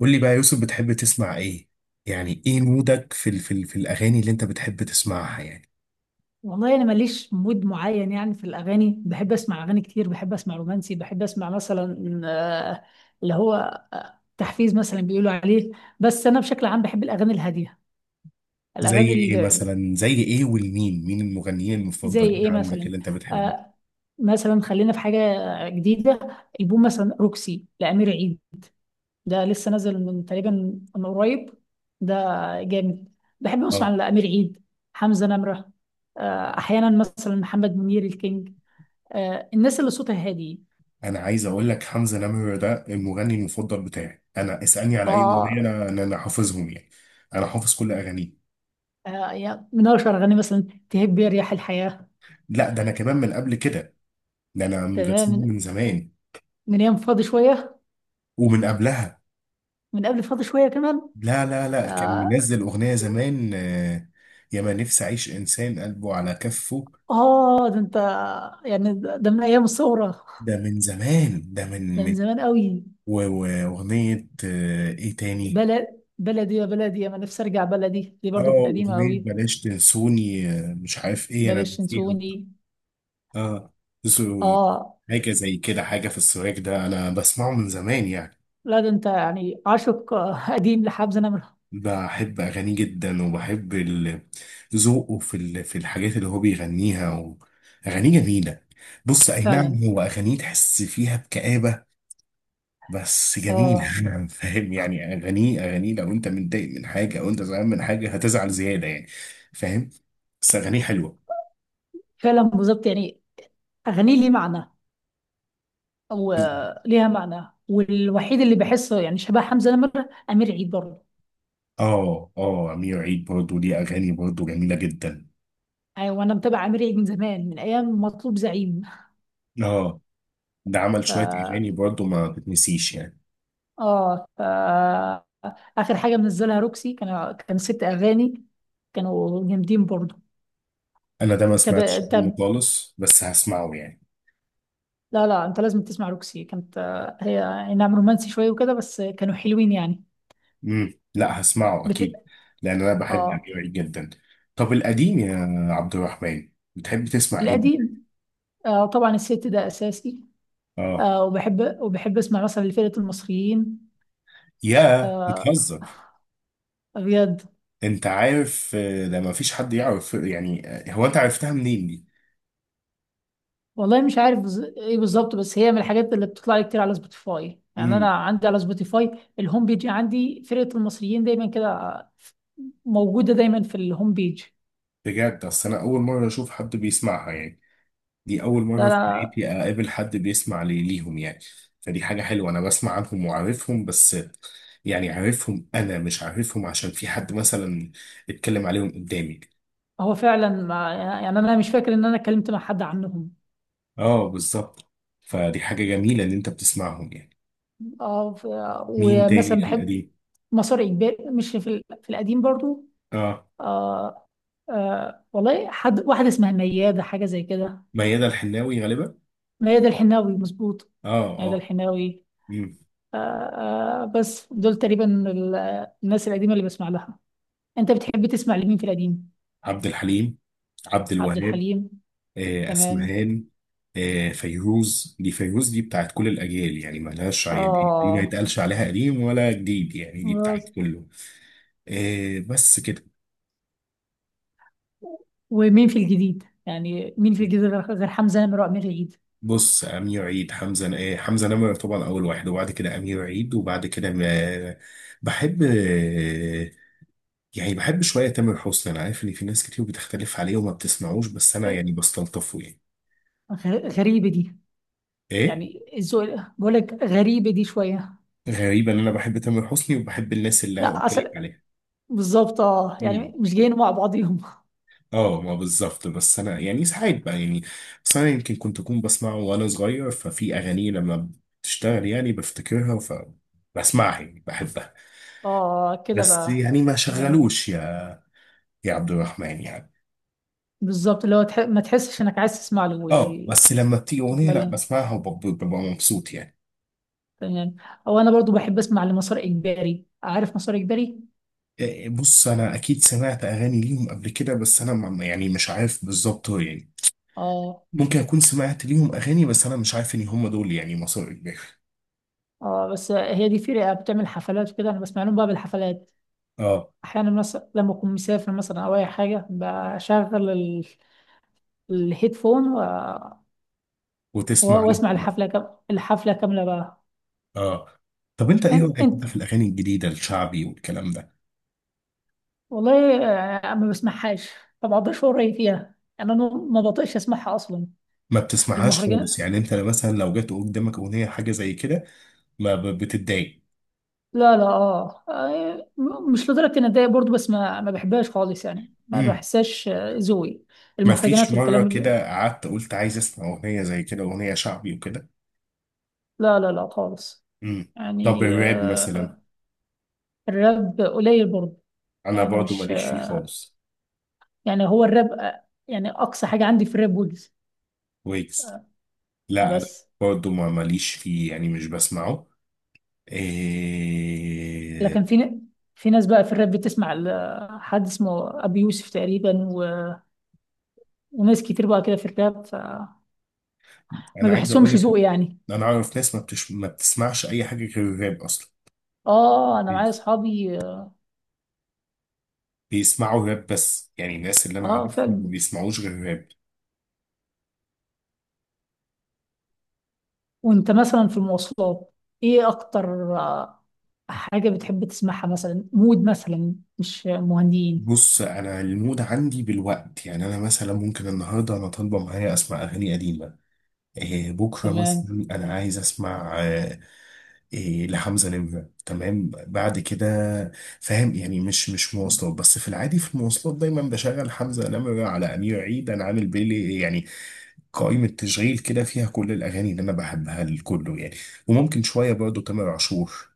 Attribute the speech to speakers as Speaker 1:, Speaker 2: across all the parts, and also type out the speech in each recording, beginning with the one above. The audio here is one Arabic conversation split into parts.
Speaker 1: قول لي بقى يا يوسف، بتحب تسمع ايه؟ يعني ايه مودك في الاغاني اللي انت بتحب تسمعها يعني؟
Speaker 2: والله انا ماليش مود معين يعني، في الاغاني بحب اسمع اغاني كتير. بحب اسمع رومانسي، بحب اسمع مثلا اللي هو تحفيز مثلا بيقولوا عليه. بس انا بشكل عام بحب الاغاني الهاديه،
Speaker 1: زي
Speaker 2: الاغاني
Speaker 1: ايه
Speaker 2: اللي
Speaker 1: مثلا زي ايه والمين المغنيين
Speaker 2: زي
Speaker 1: المفضلين
Speaker 2: ايه
Speaker 1: عندك
Speaker 2: مثلا.
Speaker 1: اللي انت بتحبهم؟
Speaker 2: آه، مثلا خلينا في حاجه جديده. البوم مثلا روكسي لامير عيد، ده لسه نازل من تقريبا، من قريب. ده جامد. بحب اسمع
Speaker 1: اه،
Speaker 2: لامير عيد، حمزه نمره. احيانا مثلا محمد منير الكينج. الناس اللي صوتها هادي.
Speaker 1: انا عايز اقول لك حمزة نمرة ده المغني المفضل بتاعي، انا اسالني على اي اغنيه،
Speaker 2: اه،
Speaker 1: انا انا أنا حافظهم يعني. انا حافظ كل اغانيه.
Speaker 2: يعني من اشهر اغاني مثلا تهب يا رياح الحياه.
Speaker 1: لا، ده انا كمان من قبل كده، ده انا
Speaker 2: تمام،
Speaker 1: بسمعه
Speaker 2: من
Speaker 1: من زمان.
Speaker 2: من ايام فاضي شويه.
Speaker 1: ومن قبلها.
Speaker 2: من قبل فاضي شويه كمان.
Speaker 1: لا لا لا، كان
Speaker 2: اه،
Speaker 1: منزل اغنيه زمان، يا ما نفسي اعيش انسان قلبه على كفه.
Speaker 2: ده انت يعني، ده من ايام الثوره.
Speaker 1: ده من زمان، ده من
Speaker 2: ده من
Speaker 1: من
Speaker 2: زمان قوي.
Speaker 1: وأغنية، إيه تاني؟
Speaker 2: بلد، بلدي يا بلدي، انا نفسي ارجع بلدي. دي برضو كانت
Speaker 1: اه،
Speaker 2: قديمه
Speaker 1: أغنية
Speaker 2: قوي.
Speaker 1: بلاش تنسوني، مش عارف إيه، أنا
Speaker 2: بلاش
Speaker 1: نسيها.
Speaker 2: تنسوني.
Speaker 1: اه. تسو-
Speaker 2: اه،
Speaker 1: حاجة زي كده، حاجة في السواك، ده أنا بسمعه من زمان يعني.
Speaker 2: لا ده انت يعني عاشق قديم لحب زنمر.
Speaker 1: بحب أغانيه جدا، وبحب ذوقه في الحاجات اللي هو بيغنيها، أغانيه جميلة. بص، أي
Speaker 2: فعلا.
Speaker 1: نعم، هو أغانيه تحس فيها بكآبة، بس جميل
Speaker 2: اه
Speaker 1: فاهم يعني؟ اغانيه لو انت متضايق من حاجه، او انت زعلان من حاجه، هتزعل زياده يعني. فاهم؟ بس اغانيه حلوه.
Speaker 2: فعلا بالظبط يعني، اغاني لي معنى وليها معنى. والوحيد اللي بحسه يعني شبه حمزة نمرة أمير عيد برضه.
Speaker 1: اه اه، امير عيد برضه ليه اغاني برضه جميله جدا.
Speaker 2: يعني وأنا متابعة أمير عيد من زمان، من أيام مطلوب زعيم.
Speaker 1: اه، ده عمل
Speaker 2: ف
Speaker 1: شويه اغاني برضه ما تتنسيش يعني.
Speaker 2: آه ف آخر حاجة منزلها روكسي، كان كان ست أغاني، كانوا جامدين برضه.
Speaker 1: انا ده ما
Speaker 2: طب
Speaker 1: سمعتش منه
Speaker 2: طب
Speaker 1: خالص، بس هسمعه يعني.
Speaker 2: لا لا أنت لازم تسمع روكسي. كانت هي أي نعم رومانسي شوية وكده، بس كانوا حلوين يعني.
Speaker 1: لا، هسمعه
Speaker 2: بت...
Speaker 1: اكيد، لان انا بحب
Speaker 2: آه.
Speaker 1: امير عيد جدا. طب القديم يا عبد الرحمن، بتحب تسمع ايه؟
Speaker 2: القديم؟ آه طبعا، الست ده أساسي.
Speaker 1: اه،
Speaker 2: آه، وبحب أسمع مثلا لفرقة المصريين.
Speaker 1: يا
Speaker 2: آه،
Speaker 1: بتهزر؟
Speaker 2: بجد.
Speaker 1: انت عارف، ده ما فيش حد يعرف يعني، هو انت عرفتها منين دي؟
Speaker 2: والله مش عارف ايه بالظبط، بس هي من الحاجات اللي بتطلع لي كتير على سبوتيفاي. يعني
Speaker 1: امم،
Speaker 2: انا عندي على سبوتيفاي الهوم بيج، عندي فرقة المصريين دايما كده موجودة دايما في الهوم بيج.
Speaker 1: بجد، اصل انا اول مره اشوف حد بيسمعها يعني، دي اول
Speaker 2: ده
Speaker 1: مره في
Speaker 2: أنا-
Speaker 1: حياتي اقابل حد بيسمع ليهم يعني. فدي حاجه حلوه، انا بسمع عنهم وعارفهم، بس يعني عارفهم، انا مش عارفهم عشان في حد مثلا اتكلم عليهم قدامي.
Speaker 2: هو فعلا، ما يعني انا مش فاكر ان انا اتكلمت مع حد عنهم.
Speaker 1: اه، بالظبط. فدي حاجه جميله ان انت بتسمعهم يعني.
Speaker 2: اه،
Speaker 1: مين تاني
Speaker 2: ومثلا
Speaker 1: في
Speaker 2: بحب
Speaker 1: القديم؟
Speaker 2: مسار اجباري. مش في القديم برضو.
Speaker 1: اه،
Speaker 2: آه. آه، والله حد، واحدة اسمها ميادة حاجة زي كده.
Speaker 1: ميادة الحناوي غالبا.
Speaker 2: ميادة الحناوي مظبوط.
Speaker 1: اه
Speaker 2: ميادة
Speaker 1: اه.
Speaker 2: الحناوي.
Speaker 1: مم.
Speaker 2: آه. آه بس دول تقريبا الناس القديمة اللي بسمع لها. انت بتحب تسمع لمين في القديم؟
Speaker 1: عبد الحليم، عبد
Speaker 2: عبد
Speaker 1: الوهاب،
Speaker 2: الحليم. تمام.
Speaker 1: اسمهان، فيروز، دي فيروز دي بتاعت كل الاجيال يعني، ملهاش دي دي ما
Speaker 2: اه
Speaker 1: يتقالش عليها قديم ولا جديد يعني، دي بتاعت
Speaker 2: بس.
Speaker 1: كله. بس كده.
Speaker 2: ومين في الجديد يعني، مين في الجديد غير حمزة نمرة وأمير عيد؟
Speaker 1: بص، امير عيد، حمزه ن- آه، حمزه نمره طبعا اول واحد، وبعد كده امير عيد، وبعد كده بحب، يعني بحب شويه تامر حسني. انا عارف ان في ناس كتير بتختلف عليه وما بتسمعوش، بس انا يعني بستلطفه يعني.
Speaker 2: غريبة دي،
Speaker 1: ايه؟
Speaker 2: يعني الذوق. بقول لك غريبة دي شوية.
Speaker 1: غريبه ان انا بحب تامر حسني وبحب الناس اللي انا
Speaker 2: لا
Speaker 1: قلت لك
Speaker 2: أصل بالظبط اه،
Speaker 1: عليها.
Speaker 2: يعني مش جايين مع بعضيهم.
Speaker 1: اه ما بالظبط، بس انا يعني ساعات بقى يعني. بس انا يمكن كنت اكون بسمعه وانا صغير، ففي اغاني لما بتشتغل يعني بفتكرها فبسمعها يعني، بحبها.
Speaker 2: اه كده
Speaker 1: بس
Speaker 2: بقى.
Speaker 1: يعني ما
Speaker 2: تمام.
Speaker 1: شغلوش يا يا عبد الرحمن يعني.
Speaker 2: بالظبط، اللي هو ما تحسش انك عايز تسمع له
Speaker 1: اه،
Speaker 2: يعني.
Speaker 1: بس لما بتيجي اغنيه، لا
Speaker 2: فعلا.
Speaker 1: بسمعها، وببقى ببقى مبسوط يعني.
Speaker 2: تمام. او انا برضو بحب اسمع لمسار اجباري، عارف مسار اجباري؟
Speaker 1: إيه، بص، انا اكيد سمعت اغاني ليهم قبل كده، بس انا يعني مش عارف بالظبط هو يعني،
Speaker 2: اه
Speaker 1: ممكن اكون سمعت ليهم اغاني، بس انا مش عارف ان هم دول يعني مصر اجباري.
Speaker 2: اه. بس هي دي فرقه بتعمل حفلات وكده، انا بسمع لهم بقى بالحفلات.
Speaker 1: اه،
Speaker 2: احيانا مثلا لما اكون مسافر مثلا او اي حاجه، بشغل الهيدفون و...
Speaker 1: وتسمع
Speaker 2: واسمع
Speaker 1: لهم.
Speaker 2: الحفله كامله بقى.
Speaker 1: اه، طب انت ايه
Speaker 2: انت,
Speaker 1: رايك
Speaker 2: انت
Speaker 1: بقى في الاغاني الجديده، الشعبي والكلام ده؟
Speaker 2: والله، ما بسمعهاش. ما بقدرش اقول رايي فيها، انا ما بطيقش اسمعها اصلا.
Speaker 1: ما بتسمعهاش خالص
Speaker 2: المهرجان،
Speaker 1: يعني؟ انت مثلا لو جت قدامك اغنيه حاجه زي كده ما ب- بتتضايق؟
Speaker 2: لا لا اه، مش لدرجة اني اتضايق برضه، بس ما بحبهاش خالص يعني. ما
Speaker 1: امم،
Speaker 2: بحسهاش ذوقي،
Speaker 1: ما فيش
Speaker 2: المهرجانات
Speaker 1: مره
Speaker 2: والكلام ده.
Speaker 1: كده قعدت قلت عايز اسمع اغنيه زي كده، اغنيه شعبي وكده؟
Speaker 2: لا لا لا خالص.
Speaker 1: امم. طب
Speaker 2: يعني
Speaker 1: الراب
Speaker 2: آه.
Speaker 1: مثلا؟
Speaker 2: الراب قليل برضه.
Speaker 1: انا
Speaker 2: يعني
Speaker 1: برضو
Speaker 2: مش
Speaker 1: ماليش فيه خالص.
Speaker 2: يعني هو الراب يعني اقصى حاجة عندي في الراب ويجز.
Speaker 1: ويجز. لا، انا
Speaker 2: بس.
Speaker 1: برضو ما ماليش فيه يعني، مش بسمعه.
Speaker 2: لكن
Speaker 1: إيه...
Speaker 2: في ناس بقى في الراب بتسمع ل حد اسمه ابي يوسف تقريبا وناس كتير بقى كده في الراب، فما
Speaker 1: انا عايز اقول
Speaker 2: بحسهمش
Speaker 1: لك،
Speaker 2: ذوقي يعني.
Speaker 1: انا اعرف ناس ما بتسمعش اي حاجه غير الراب اصلا.
Speaker 2: اه انا معايا اصحابي اه.
Speaker 1: بيسمعوا راب بس يعني، الناس اللي انا عارفهم
Speaker 2: فعلا.
Speaker 1: ما بيسمعوش غير راب.
Speaker 2: وانت مثلا في المواصلات ايه اكتر حاجة بتحب تسمعها؟ مثلا مود مثلا مش مهندين.
Speaker 1: بص، انا المود عندي بالوقت يعني، انا مثلا ممكن النهارده انا طالبه معايا اسمع اغاني قديمه، إيه، بكره
Speaker 2: تمام.
Speaker 1: مثلا انا عايز اسمع إيه لحمزه نمره، تمام بعد كده. فاهم يعني؟ مش مواصلات بس، في العادي في المواصلات دايما بشغل حمزه نمره على امير عيد، انا عامل بيلي يعني، قائمه تشغيل كده فيها كل الاغاني اللي انا بحبها لكله يعني. وممكن شويه برضه تامر عاشور.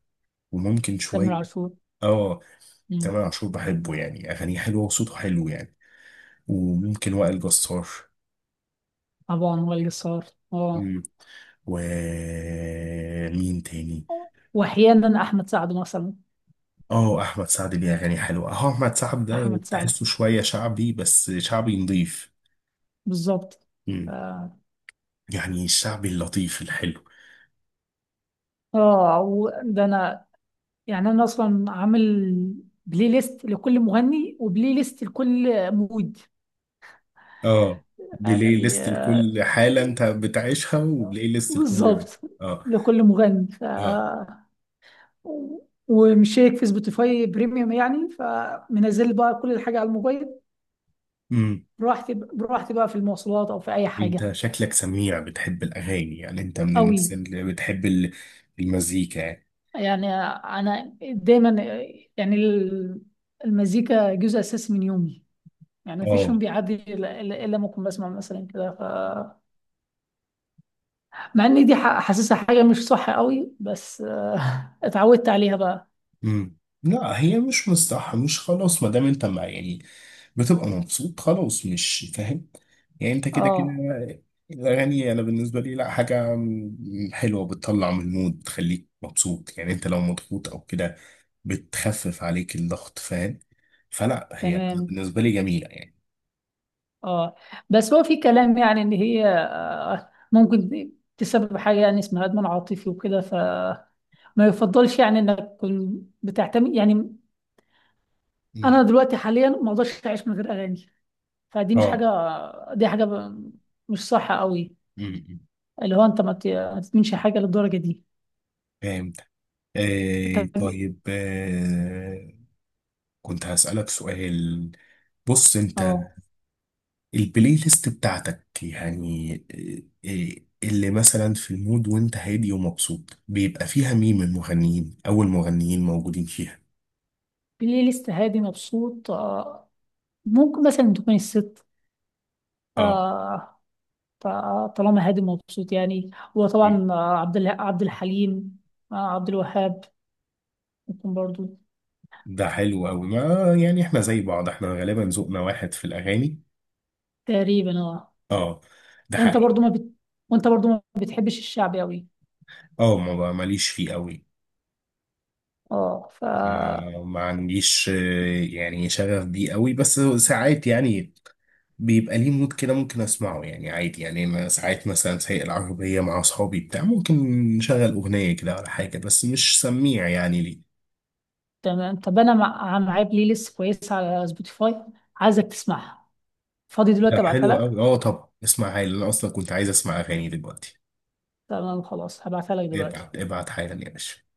Speaker 1: وممكن
Speaker 2: تامر
Speaker 1: شوية.
Speaker 2: عاشور.
Speaker 1: اه،
Speaker 2: مم.
Speaker 1: تامر عاشور بحبه يعني، اغانيه حلوه وصوته حلو يعني. وممكن وائل جسار.
Speaker 2: طبعا وائل جسار. اه.
Speaker 1: مم. و مين تاني؟
Speaker 2: واحيانا احمد سعد مثلا.
Speaker 1: اه، احمد سعد ليه اغاني حلوه. اه، احمد سعد ده
Speaker 2: احمد سعد
Speaker 1: تحسه شويه شعبي، بس شعبي نضيف.
Speaker 2: بالظبط.
Speaker 1: مم.
Speaker 2: اه.
Speaker 1: يعني الشعبي اللطيف الحلو.
Speaker 2: وده انا يعني، انا اصلا عامل بلاي ليست لكل مغني، وبلاي ليست لكل مود.
Speaker 1: اه، بلاي
Speaker 2: يعني
Speaker 1: ليست لكل حاله انت بتعيشها، وبلاي ليست لكل.
Speaker 2: بالظبط،
Speaker 1: اه
Speaker 2: لكل مغني. ف
Speaker 1: اه.
Speaker 2: ومشترك في سبوتيفاي بريميوم يعني، فمنزل بقى كل الحاجة على الموبايل.
Speaker 1: امم.
Speaker 2: براحتي، براحتي بقى في المواصلات أو في أي
Speaker 1: انت
Speaker 2: حاجة.
Speaker 1: شكلك سميع، بتحب الاغاني يعني، انت من الناس
Speaker 2: أوي.
Speaker 1: اللي بتحب المزيكا يعني.
Speaker 2: يعني أنا دايما يعني المزيكا جزء أساسي من يومي. يعني مفيش يوم
Speaker 1: اه.
Speaker 2: بيعدي إلا إلا لما أكون بسمع مثلا كده. ف مع إن دي حاسسها حاجة مش صح أوي، بس اتعودت عليها بقى.
Speaker 1: مم. لا، هي مش مش خلاص، ما دام انت مع يعني، بتبقى مبسوط خلاص، مش فاهم يعني؟ انت كده كده
Speaker 2: اه
Speaker 1: الاغاني، انا بالنسبه لي لا، حاجه حلوه، بتطلع من المود، بتخليك مبسوط يعني، انت لو مضغوط او كده بتخفف عليك الضغط، فاهم؟ فلا، هي انا
Speaker 2: تمام.
Speaker 1: بالنسبه لي جميله يعني.
Speaker 2: اه بس هو في كلام يعني، ان هي ممكن تسبب حاجه يعني اسمها ادمان عاطفي وكده، فما يفضلش يعني انك تكون بتعتمد يعني.
Speaker 1: مم.
Speaker 2: انا دلوقتي حاليا ما اقدرش اعيش من غير اغاني. فدي مش حاجه،
Speaker 1: اه.
Speaker 2: دي مش صح قوي.
Speaker 1: مم.
Speaker 2: اللي هو انت ما تدمنش حاجه للدرجه دي.
Speaker 1: فهمت. آه،
Speaker 2: طب،
Speaker 1: طيب. آه، كنت هسألك سؤال. بص، انت
Speaker 2: اه،
Speaker 1: البلاي ليست بتاعتك يعني، اللي مثلا في المود وانت هادي ومبسوط، بيبقى فيها مين من المغنيين؟ او المغنيين موجودين فيها.
Speaker 2: بلاي ليست هادي مبسوط، ممكن مثلا تكون الست،
Speaker 1: اه.
Speaker 2: آه، فطالما هادي مبسوط يعني. وطبعا عبد الحليم، عبد الوهاب ممكن برضو.
Speaker 1: ده حلو قوي، ما يعني احنا زي بعض، احنا غالبا ذوقنا واحد في الاغاني.
Speaker 2: تقريبا اه.
Speaker 1: اه. ده
Speaker 2: وانت
Speaker 1: حقيقي.
Speaker 2: برضو ما بت... وانت برضو ما بتحبش الشعبي قوي.
Speaker 1: اه، ما ماليش فيه قوي.
Speaker 2: اه ف.
Speaker 1: ما ما عنديش، يعني شغف بيه قوي، بس ساعات يعني بيبقى ليه مود كده ممكن اسمعه يعني عادي. يعني انا ساعات مثلا سايق العربيه مع اصحابي بتاع، ممكن نشغل اغنيه كده ولا حاجه، بس مش سميع يعني ليه.
Speaker 2: تمام، طب انا معايا بلاي ليست كويسه على سبوتيفاي، عايزك تسمعها. فاضي
Speaker 1: ده
Speaker 2: دلوقتي؟ ابعتها
Speaker 1: حلو
Speaker 2: لك.
Speaker 1: قوي، اه، طب اسمع حالا، انا اصلا كنت عايز اسمع اغاني دلوقتي.
Speaker 2: تمام خلاص، هبعتها لك دلوقتي.
Speaker 1: ابعت ابعت حالا يا باشا.